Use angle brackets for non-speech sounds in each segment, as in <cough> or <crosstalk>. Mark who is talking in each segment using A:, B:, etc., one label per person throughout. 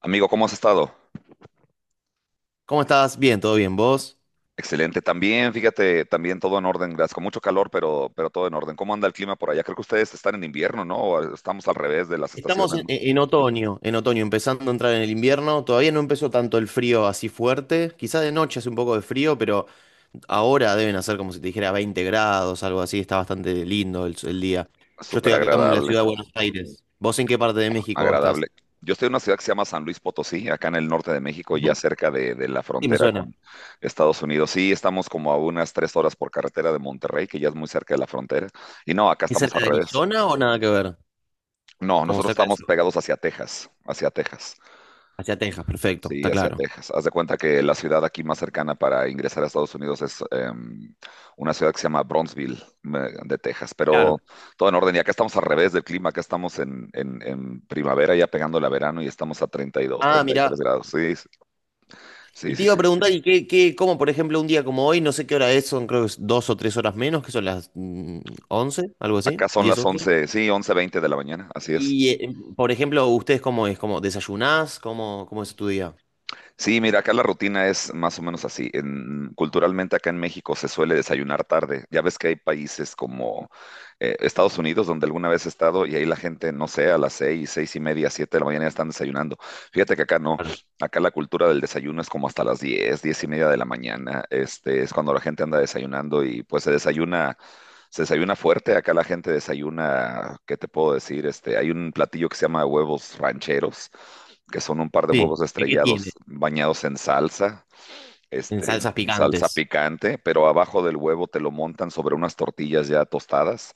A: Amigo, ¿cómo has estado?
B: ¿Cómo estás? Bien, todo bien. ¿Vos?
A: Excelente. También, fíjate, también todo en orden, gracias. Con mucho calor, pero todo en orden. ¿Cómo anda el clima por allá? Creo que ustedes están en invierno, ¿no? O estamos al revés de las
B: Estamos
A: estaciones,
B: en,
A: ¿no?
B: en otoño, en otoño, empezando a entrar en el invierno. Todavía no empezó tanto el frío así fuerte. Quizá de noche hace un poco de frío, pero ahora deben hacer como si te dijera 20 grados, algo así. Está bastante lindo el día. Yo estoy
A: Súper
B: acá en la
A: agradable,
B: ciudad de Buenos Aires. ¿Vos en qué parte de México estás?
A: agradable. Yo estoy en una ciudad que se llama San Luis Potosí, acá en el norte de México, ya
B: Ujú.
A: cerca de la
B: Sí, me
A: frontera
B: suena.
A: con Estados Unidos. Sí, estamos como a unas 3 horas por carretera de Monterrey, que ya es muy cerca de la frontera. Y no, acá
B: ¿Es
A: estamos
B: cerca
A: al
B: de
A: revés.
B: Arizona o nada que ver?
A: No,
B: Como
A: nosotros
B: cerca de
A: estamos
B: sur.
A: pegados hacia Texas, hacia Texas.
B: Hacia Texas, perfecto,
A: Sí,
B: está
A: hacia
B: claro.
A: Texas. Haz de cuenta que la ciudad aquí más cercana para ingresar a Estados Unidos es una ciudad que se llama Bronzeville, de Texas,
B: Claro.
A: pero todo en orden. Y acá estamos al revés del clima, acá estamos en primavera, ya pegando la verano y estamos a 32,
B: Ah,
A: 33
B: mirá.
A: grados. Sí, sí,
B: Y te
A: sí,
B: iba a
A: sí.
B: preguntar, ¿y qué, cómo, por ejemplo, un día como hoy, no sé qué hora es, son creo que es 2 o 3 horas menos, que son las 11, algo así,
A: Acá son
B: diez
A: las
B: once
A: 11, sí, 11:20 de la mañana, así es.
B: Y, por ejemplo, ¿ustedes cómo es? ¿Cómo desayunás? ¿Cómo es tu día?
A: Sí, mira, acá la rutina es más o menos así. Culturalmente acá en México se suele desayunar tarde. Ya ves que hay países como Estados Unidos, donde alguna vez he estado, y ahí la gente, no sé, a las 6, 6:30, 7 de la mañana ya están desayunando. Fíjate que acá no.
B: Claro.
A: Acá la cultura del desayuno es como hasta las 10, 10:30 de la mañana. Este es cuando la gente anda desayunando y pues se desayuna fuerte, acá la gente desayuna, ¿qué te puedo decir? Este, hay un platillo que se llama huevos rancheros, que son un par de
B: Sí.
A: huevos
B: ¿Qué tiene?
A: estrellados bañados en salsa,
B: En
A: este,
B: salsas
A: en salsa
B: picantes.
A: picante, pero abajo del huevo te lo montan sobre unas tortillas ya tostadas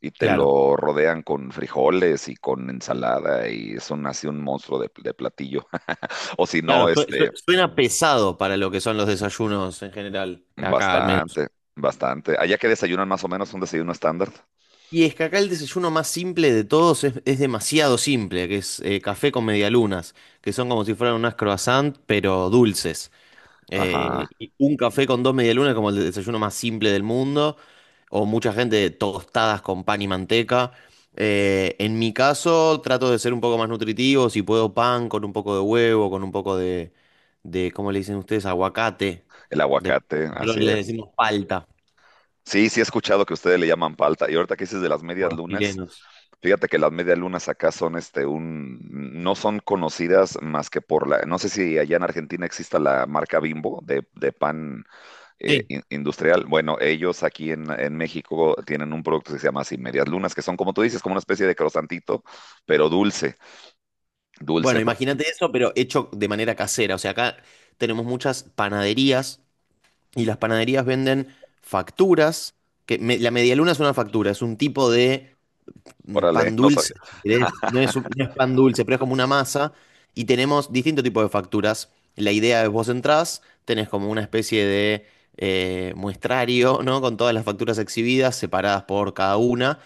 A: y te
B: Claro.
A: lo rodean con frijoles y con ensalada y son así un monstruo de platillo. <laughs> O si
B: Claro,
A: no, este,
B: suena pesado para lo que son los desayunos en general, acá al menos.
A: bastante, bastante. Allá que desayunan más o menos un desayuno estándar.
B: Y es que acá el desayuno más simple de todos es demasiado simple, que es café con medialunas, que son como si fueran unas croissant, pero dulces. Eh,
A: Ajá,
B: y un café con dos medialunas es como el desayuno más simple del mundo, o mucha gente tostadas con pan y manteca. En mi caso, trato de ser un poco más nutritivo, si puedo pan con un poco de huevo, con un poco de ¿cómo le dicen ustedes? Aguacate.
A: el
B: De-
A: aguacate, así
B: Nosotros le
A: es.
B: decimos palta,
A: Sí, sí he escuchado que ustedes le llaman palta. Y ahorita que dices de las
B: como
A: medias
B: los
A: lunas,
B: chilenos.
A: fíjate que las medias lunas acá son no son conocidas más que por no sé si allá en Argentina exista la marca Bimbo de pan
B: Sí,
A: industrial. Bueno, ellos aquí en México tienen un producto que se llama así, medias lunas, que son como tú dices, como una especie de crosantito, pero dulce,
B: bueno,
A: dulce, porque
B: imagínate eso, pero hecho de manera casera. O sea, acá tenemos muchas panaderías y las panaderías venden facturas, que la medialuna es una factura, es un tipo de
A: órale,
B: pan
A: <laughs> no
B: dulce,
A: sabía.
B: si querés. No es pan dulce, pero es como una masa, y tenemos distintos tipos de facturas. La idea es vos entrás, tenés como una especie de muestrario, ¿no? Con todas las facturas exhibidas, separadas por cada una,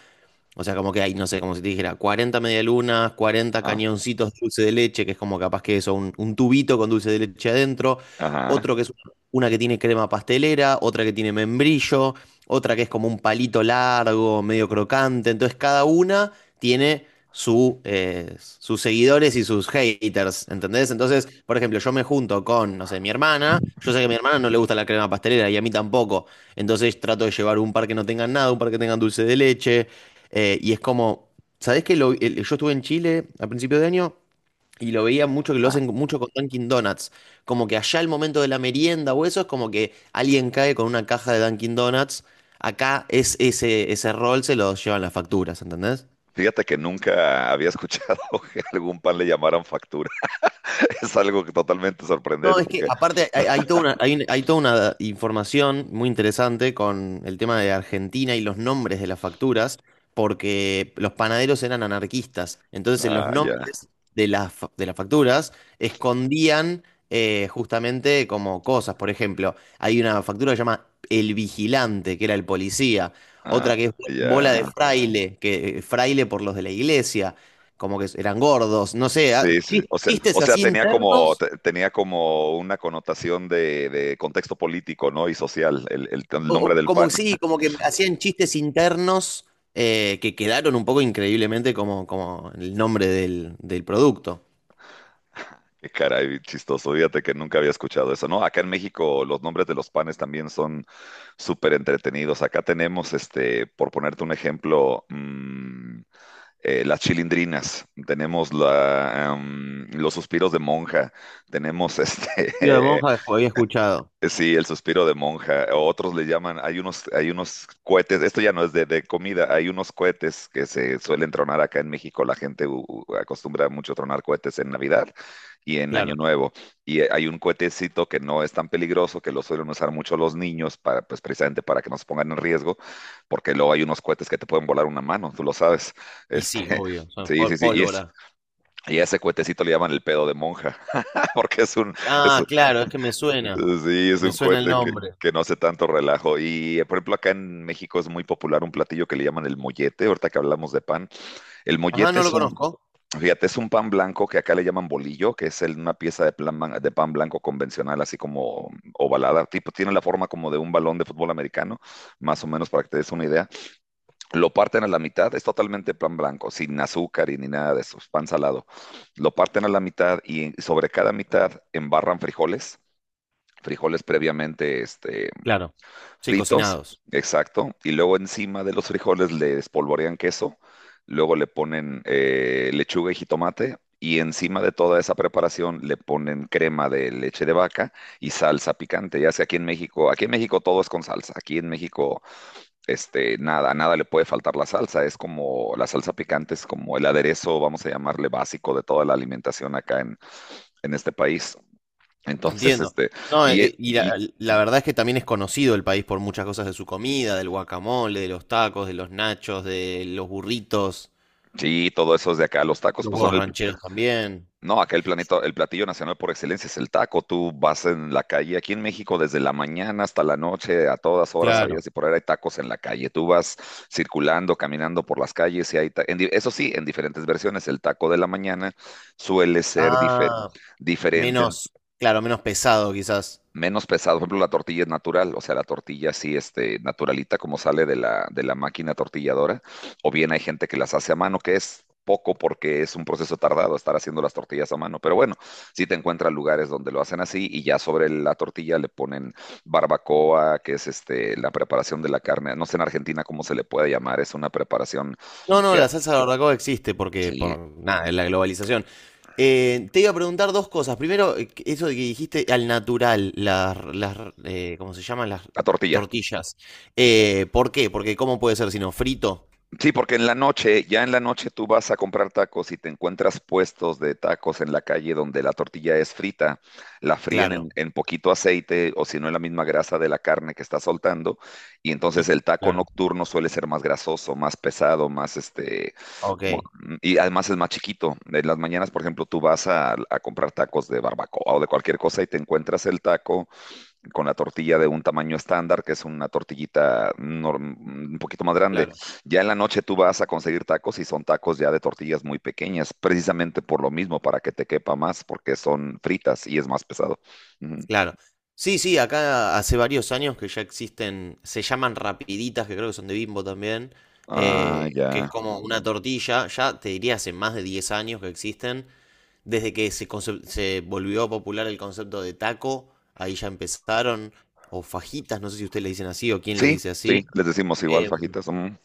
B: o sea, como que hay, no sé, como si te dijera 40 medialunas, cuarenta
A: Ah,
B: cañoncitos de dulce de leche, que es como capaz que eso, un tubito con dulce de leche adentro,
A: ajá,
B: otro que es una que tiene crema pastelera, otra que tiene membrillo, otra que es como un palito largo, medio crocante. Entonces cada una tiene sus seguidores y sus haters, ¿entendés? Entonces, por ejemplo, yo me junto con, no sé, mi hermana, yo sé que a mi hermana no le gusta la crema pastelera y a mí tampoco. Entonces trato de llevar un par que no tengan nada, un par que tengan dulce de leche, y es como, ¿sabés que yo estuve en Chile a principio de año y lo veía mucho que lo
A: ajá.
B: hacen mucho con Dunkin' Donuts? Como que allá el momento de la merienda o eso es como que alguien cae con una caja de Dunkin' Donuts. Acá es ese rol se lo llevan las facturas, ¿entendés?
A: Fíjate que nunca había escuchado <laughs> que algún pan le llamaran factura. <laughs> es algo que totalmente
B: No,
A: sorprendente
B: es que
A: porque,
B: aparte hay toda una información muy interesante con el tema de Argentina y los nombres de las facturas, porque los panaderos eran anarquistas. Entonces, en los
A: ah, ya,
B: nombres de las facturas escondían justamente como cosas. Por ejemplo, hay una factura que se llama El Vigilante, que era el policía.
A: ah,
B: Otra que es Bola de
A: ya,
B: Fraile, que fraile por los de la iglesia, como que eran gordos. No sé, ah,
A: sí, sí, sí. o sea, o
B: chistes
A: sea,
B: así
A: tenía como,
B: internos
A: tenía como una connotación de contexto político, ¿no? Y social, el nombre
B: o
A: del
B: como
A: pan,
B: sí,
A: <laughs>
B: como que hacían chistes internos, que quedaron un poco increíblemente como, como el nombre del producto.
A: qué caray, chistoso, fíjate que nunca había escuchado eso, ¿no? Acá en México los nombres de los panes también son súper entretenidos, acá tenemos, este, por ponerte un ejemplo, las chilindrinas, tenemos los suspiros de monja, tenemos este
B: Tío de
A: <laughs>
B: monja había escuchado.
A: sí, el suspiro de monja, o otros le llaman, hay unos cohetes, esto ya no es de comida, hay unos cohetes que se suelen tronar acá en México, la gente acostumbra mucho tronar cohetes en Navidad y en Año
B: Claro.
A: Nuevo, y hay un cohetecito que no es tan peligroso, que lo suelen usar mucho los niños, para, pues precisamente para que no se pongan en riesgo, porque luego hay unos cohetes que te pueden volar una mano, tú lo sabes,
B: Y sí,
A: este,
B: obvio,
A: <laughs>
B: son
A: sí, sí, sí, y es...
B: pólvora.
A: Y a ese cohetecito le llaman el pedo de monja, <laughs> porque es,
B: Ah, claro, es que me suena.
A: sí, es
B: Me
A: un
B: suena el
A: cohete que,
B: nombre.
A: que no hace tanto relajo. Y, por ejemplo, acá en México es muy popular un platillo que le llaman el mollete, ahorita que hablamos de pan. El
B: Ajá,
A: mollete
B: no lo conozco.
A: fíjate, es un pan blanco que acá le llaman bolillo, que es una pieza de pan blanco convencional, así como ovalada, tipo, tiene la forma como de un balón de fútbol americano, más o menos para que te des una idea. Lo parten a la mitad, es totalmente pan blanco, sin azúcar y ni nada de eso, es pan salado. Lo parten a la mitad y sobre cada mitad embarran frijoles previamente este,
B: Claro. Sí,
A: fritos,
B: cocinados.
A: exacto, y luego encima de los frijoles le espolvorean queso, luego le ponen lechuga y jitomate, y encima de toda esa preparación le ponen crema de leche de vaca y salsa picante. Ya sea aquí en México todo es con salsa, aquí en México este, nada, a nada le puede faltar la salsa, es como la salsa picante, es como el aderezo, vamos a llamarle básico de toda la alimentación acá en este país. Entonces,
B: Entiendo.
A: este,
B: No, eh,
A: y, e-
B: eh, y
A: y,
B: la verdad es que también es conocido el país por muchas cosas de su comida, del guacamole, de los tacos, de los nachos, de los burritos,
A: sí, todo eso es de acá. Los tacos,
B: los
A: pues son
B: huevos
A: el.
B: rancheros también.
A: No, acá el platillo nacional por excelencia es el taco. Tú vas en la calle, aquí en México, desde la mañana hasta la noche, a todas horas, sabías
B: Claro.
A: y por ahí hay tacos en la calle. Tú vas circulando, caminando por las calles y hay. Eso sí, en diferentes versiones. El taco de la mañana suele ser
B: Ah,
A: diferente en
B: menos, claro, menos pesado quizás.
A: menos pesado. Por ejemplo, la tortilla es natural, o sea, la tortilla así, este, naturalita como sale de la máquina tortilladora, o bien hay gente que las hace a mano, que es poco porque es un proceso tardado estar haciendo las tortillas a mano, pero bueno, sí te encuentras lugares donde lo hacen así y ya sobre la tortilla le ponen barbacoa, que es este, la preparación de la carne, no sé en Argentina cómo se le puede llamar, es una preparación
B: No, no,
A: que,
B: la salsa de barbacoa existe porque,
A: sí,
B: por nada, es la globalización. Te iba a preguntar dos cosas. Primero, eso de que dijiste al natural, ¿cómo se llaman? Las
A: la tortilla,
B: tortillas. ¿Por qué? Porque ¿cómo puede ser sino frito.
A: sí, porque en la noche, ya en la noche tú vas a comprar tacos y te encuentras puestos de tacos en la calle donde la tortilla es frita, la fríen en,
B: Claro.
A: en poquito aceite o si no en la misma grasa de la carne que está soltando y entonces
B: Y,
A: el taco
B: claro.
A: nocturno suele ser más grasoso, más pesado, más este,
B: Ok.
A: como, y además es más chiquito. En las mañanas, por ejemplo, tú vas a comprar tacos de barbacoa o de cualquier cosa y te encuentras el taco con la tortilla de un tamaño estándar, que es una tortillita un poquito más grande. Ya en la noche tú vas a conseguir tacos y son tacos ya de tortillas muy pequeñas, precisamente por lo mismo, para que te quepa más, porque son fritas y es más pesado. Ujú.
B: Claro. Sí, sí, acá hace varios años que ya existen, se llaman rapiditas, que creo que son de Bimbo también,
A: Ah,
B: que es
A: ya.
B: como una tortilla, ya te diría hace más de 10 años que existen, desde que se volvió popular el concepto de taco, ahí ya empezaron, o fajitas, no sé si ustedes le dicen así o quién le
A: Sí,
B: dice
A: sí,
B: así.
A: les decimos igual,
B: eh,
A: fajitas. Ujú.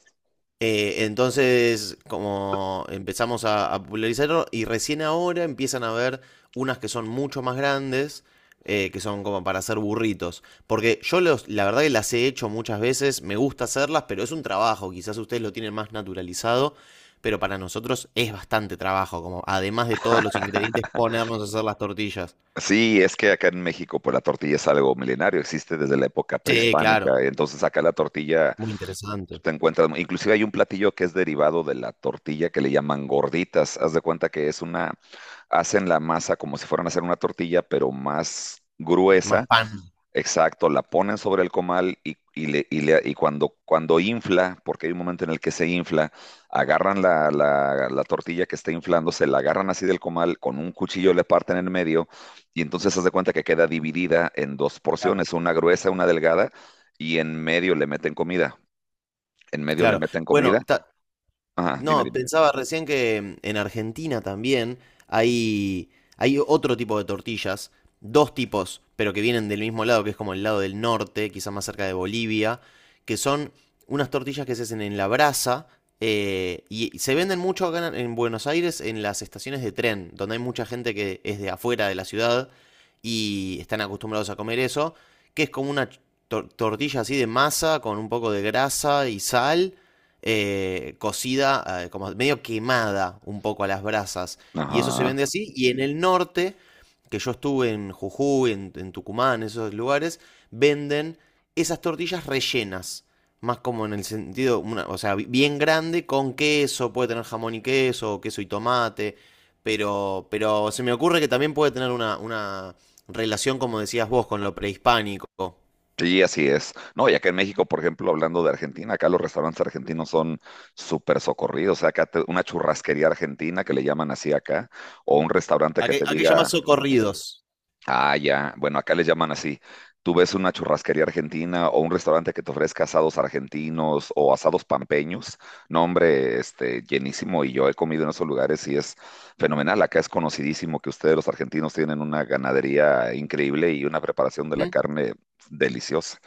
B: entonces, como empezamos a popularizarlo y recién ahora empiezan a ver unas que son mucho más grandes, que son como para hacer burritos. Porque la verdad que las he hecho muchas veces, me gusta hacerlas, pero es un trabajo, quizás ustedes lo tienen más naturalizado, pero para nosotros es bastante trabajo, como además de todos los ingredientes, ponernos a hacer las tortillas.
A: Sí, es que acá en México, pues la tortilla es algo milenario, existe desde la época
B: Sí, claro,
A: prehispánica, entonces acá la tortilla
B: muy
A: tú
B: interesante.
A: te encuentras, inclusive hay un platillo que es derivado de la tortilla que le llaman gorditas, haz de cuenta que es una, hacen la masa como si fueran a hacer una tortilla, pero más
B: Más
A: gruesa,
B: pan.
A: exacto, la ponen sobre el comal y cuando, infla, porque hay un momento en el que se infla, agarran la tortilla que está inflando, se la agarran así del comal, con un cuchillo le parten en medio y entonces haz de cuenta que queda dividida en dos
B: Claro.
A: porciones, una gruesa, una delgada, y en medio le meten comida. En medio le
B: Claro.
A: meten
B: Bueno,
A: comida.
B: ta-
A: Ajá, dime,
B: No,
A: dime.
B: pensaba recién que en Argentina también hay, hay otro tipo de tortillas, dos tipos, pero que vienen del mismo lado, que es como el lado del norte, quizá más cerca de Bolivia, que son unas tortillas que se hacen en la brasa, y se venden mucho acá en Buenos Aires en las estaciones de tren, donde hay mucha gente que es de afuera de la ciudad y están acostumbrados a comer eso, que es como una tortilla así de masa con un poco de grasa y sal, cocida, como medio quemada un poco a las brasas. Y eso se
A: Ajá.
B: vende así. Y en el norte, que yo estuve en Jujuy, en Tucumán, esos lugares, venden esas tortillas rellenas. Más como en el sentido, o sea, bien grande con queso, puede tener jamón y queso, o queso y tomate, pero se me ocurre que también puede tener una relación, como decías vos, con lo prehispánico.
A: Sí, así es. No, y acá en México, por ejemplo, hablando de Argentina, acá los restaurantes argentinos son súper socorridos. O sea, acá una churrasquería argentina que le llaman así acá, o un restaurante
B: ¿A
A: que
B: qué,
A: te
B: a qué llamás
A: diga,
B: socorridos?
A: ah, ya. Bueno, acá les llaman así. Tú ves una churrasquería argentina o un restaurante que te ofrezca asados argentinos o asados pampeños. No, hombre, este, llenísimo. Y yo he comido en esos lugares y es fenomenal. Acá es conocidísimo que ustedes, los argentinos, tienen una ganadería increíble y una preparación de la
B: ¿Mm?
A: carne deliciosa,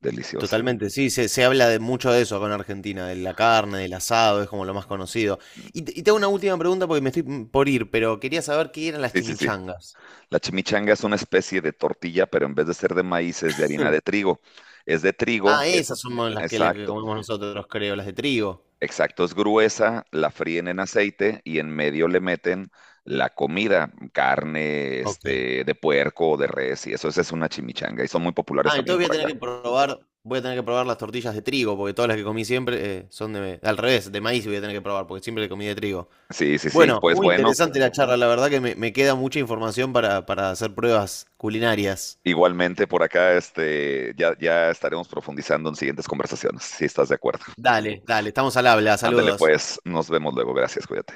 A: deliciosa.
B: Totalmente, sí, se habla de mucho de eso acá en Argentina, de la carne, del asado, es como lo más conocido. Y te hago una última pregunta porque me estoy, por ir, pero quería saber qué eran las
A: Sí, sí, sí.
B: chimichangas.
A: La chimichanga es una especie de tortilla, pero en vez de ser de maíz es de harina
B: Hmm.
A: de trigo. Es de
B: Ah,
A: trigo, es
B: esas
A: un...
B: son las que
A: Exacto.
B: comemos nosotros, creo, las de trigo.
A: Exacto, es gruesa, la fríen en aceite y en medio le meten la comida, carne,
B: Ok.
A: este, de puerco o de res, y eso esa es una chimichanga, y son muy populares
B: Ah,
A: también
B: entonces voy a
A: por
B: tener
A: acá.
B: que probar, voy a tener que probar las tortillas de trigo, porque todas las que comí siempre, son de, al revés, de maíz voy a tener que probar, porque siempre comí de trigo.
A: Sí, sí, sí,
B: Bueno,
A: pues
B: muy
A: bueno,
B: interesante la charla, la verdad que me queda mucha información para, hacer pruebas culinarias.
A: igualmente por acá, este, ya, ya estaremos profundizando en siguientes conversaciones, si estás de acuerdo.
B: Dale, dale, estamos al habla,
A: Ándale
B: saludos.
A: pues, nos vemos luego, gracias, cuídate.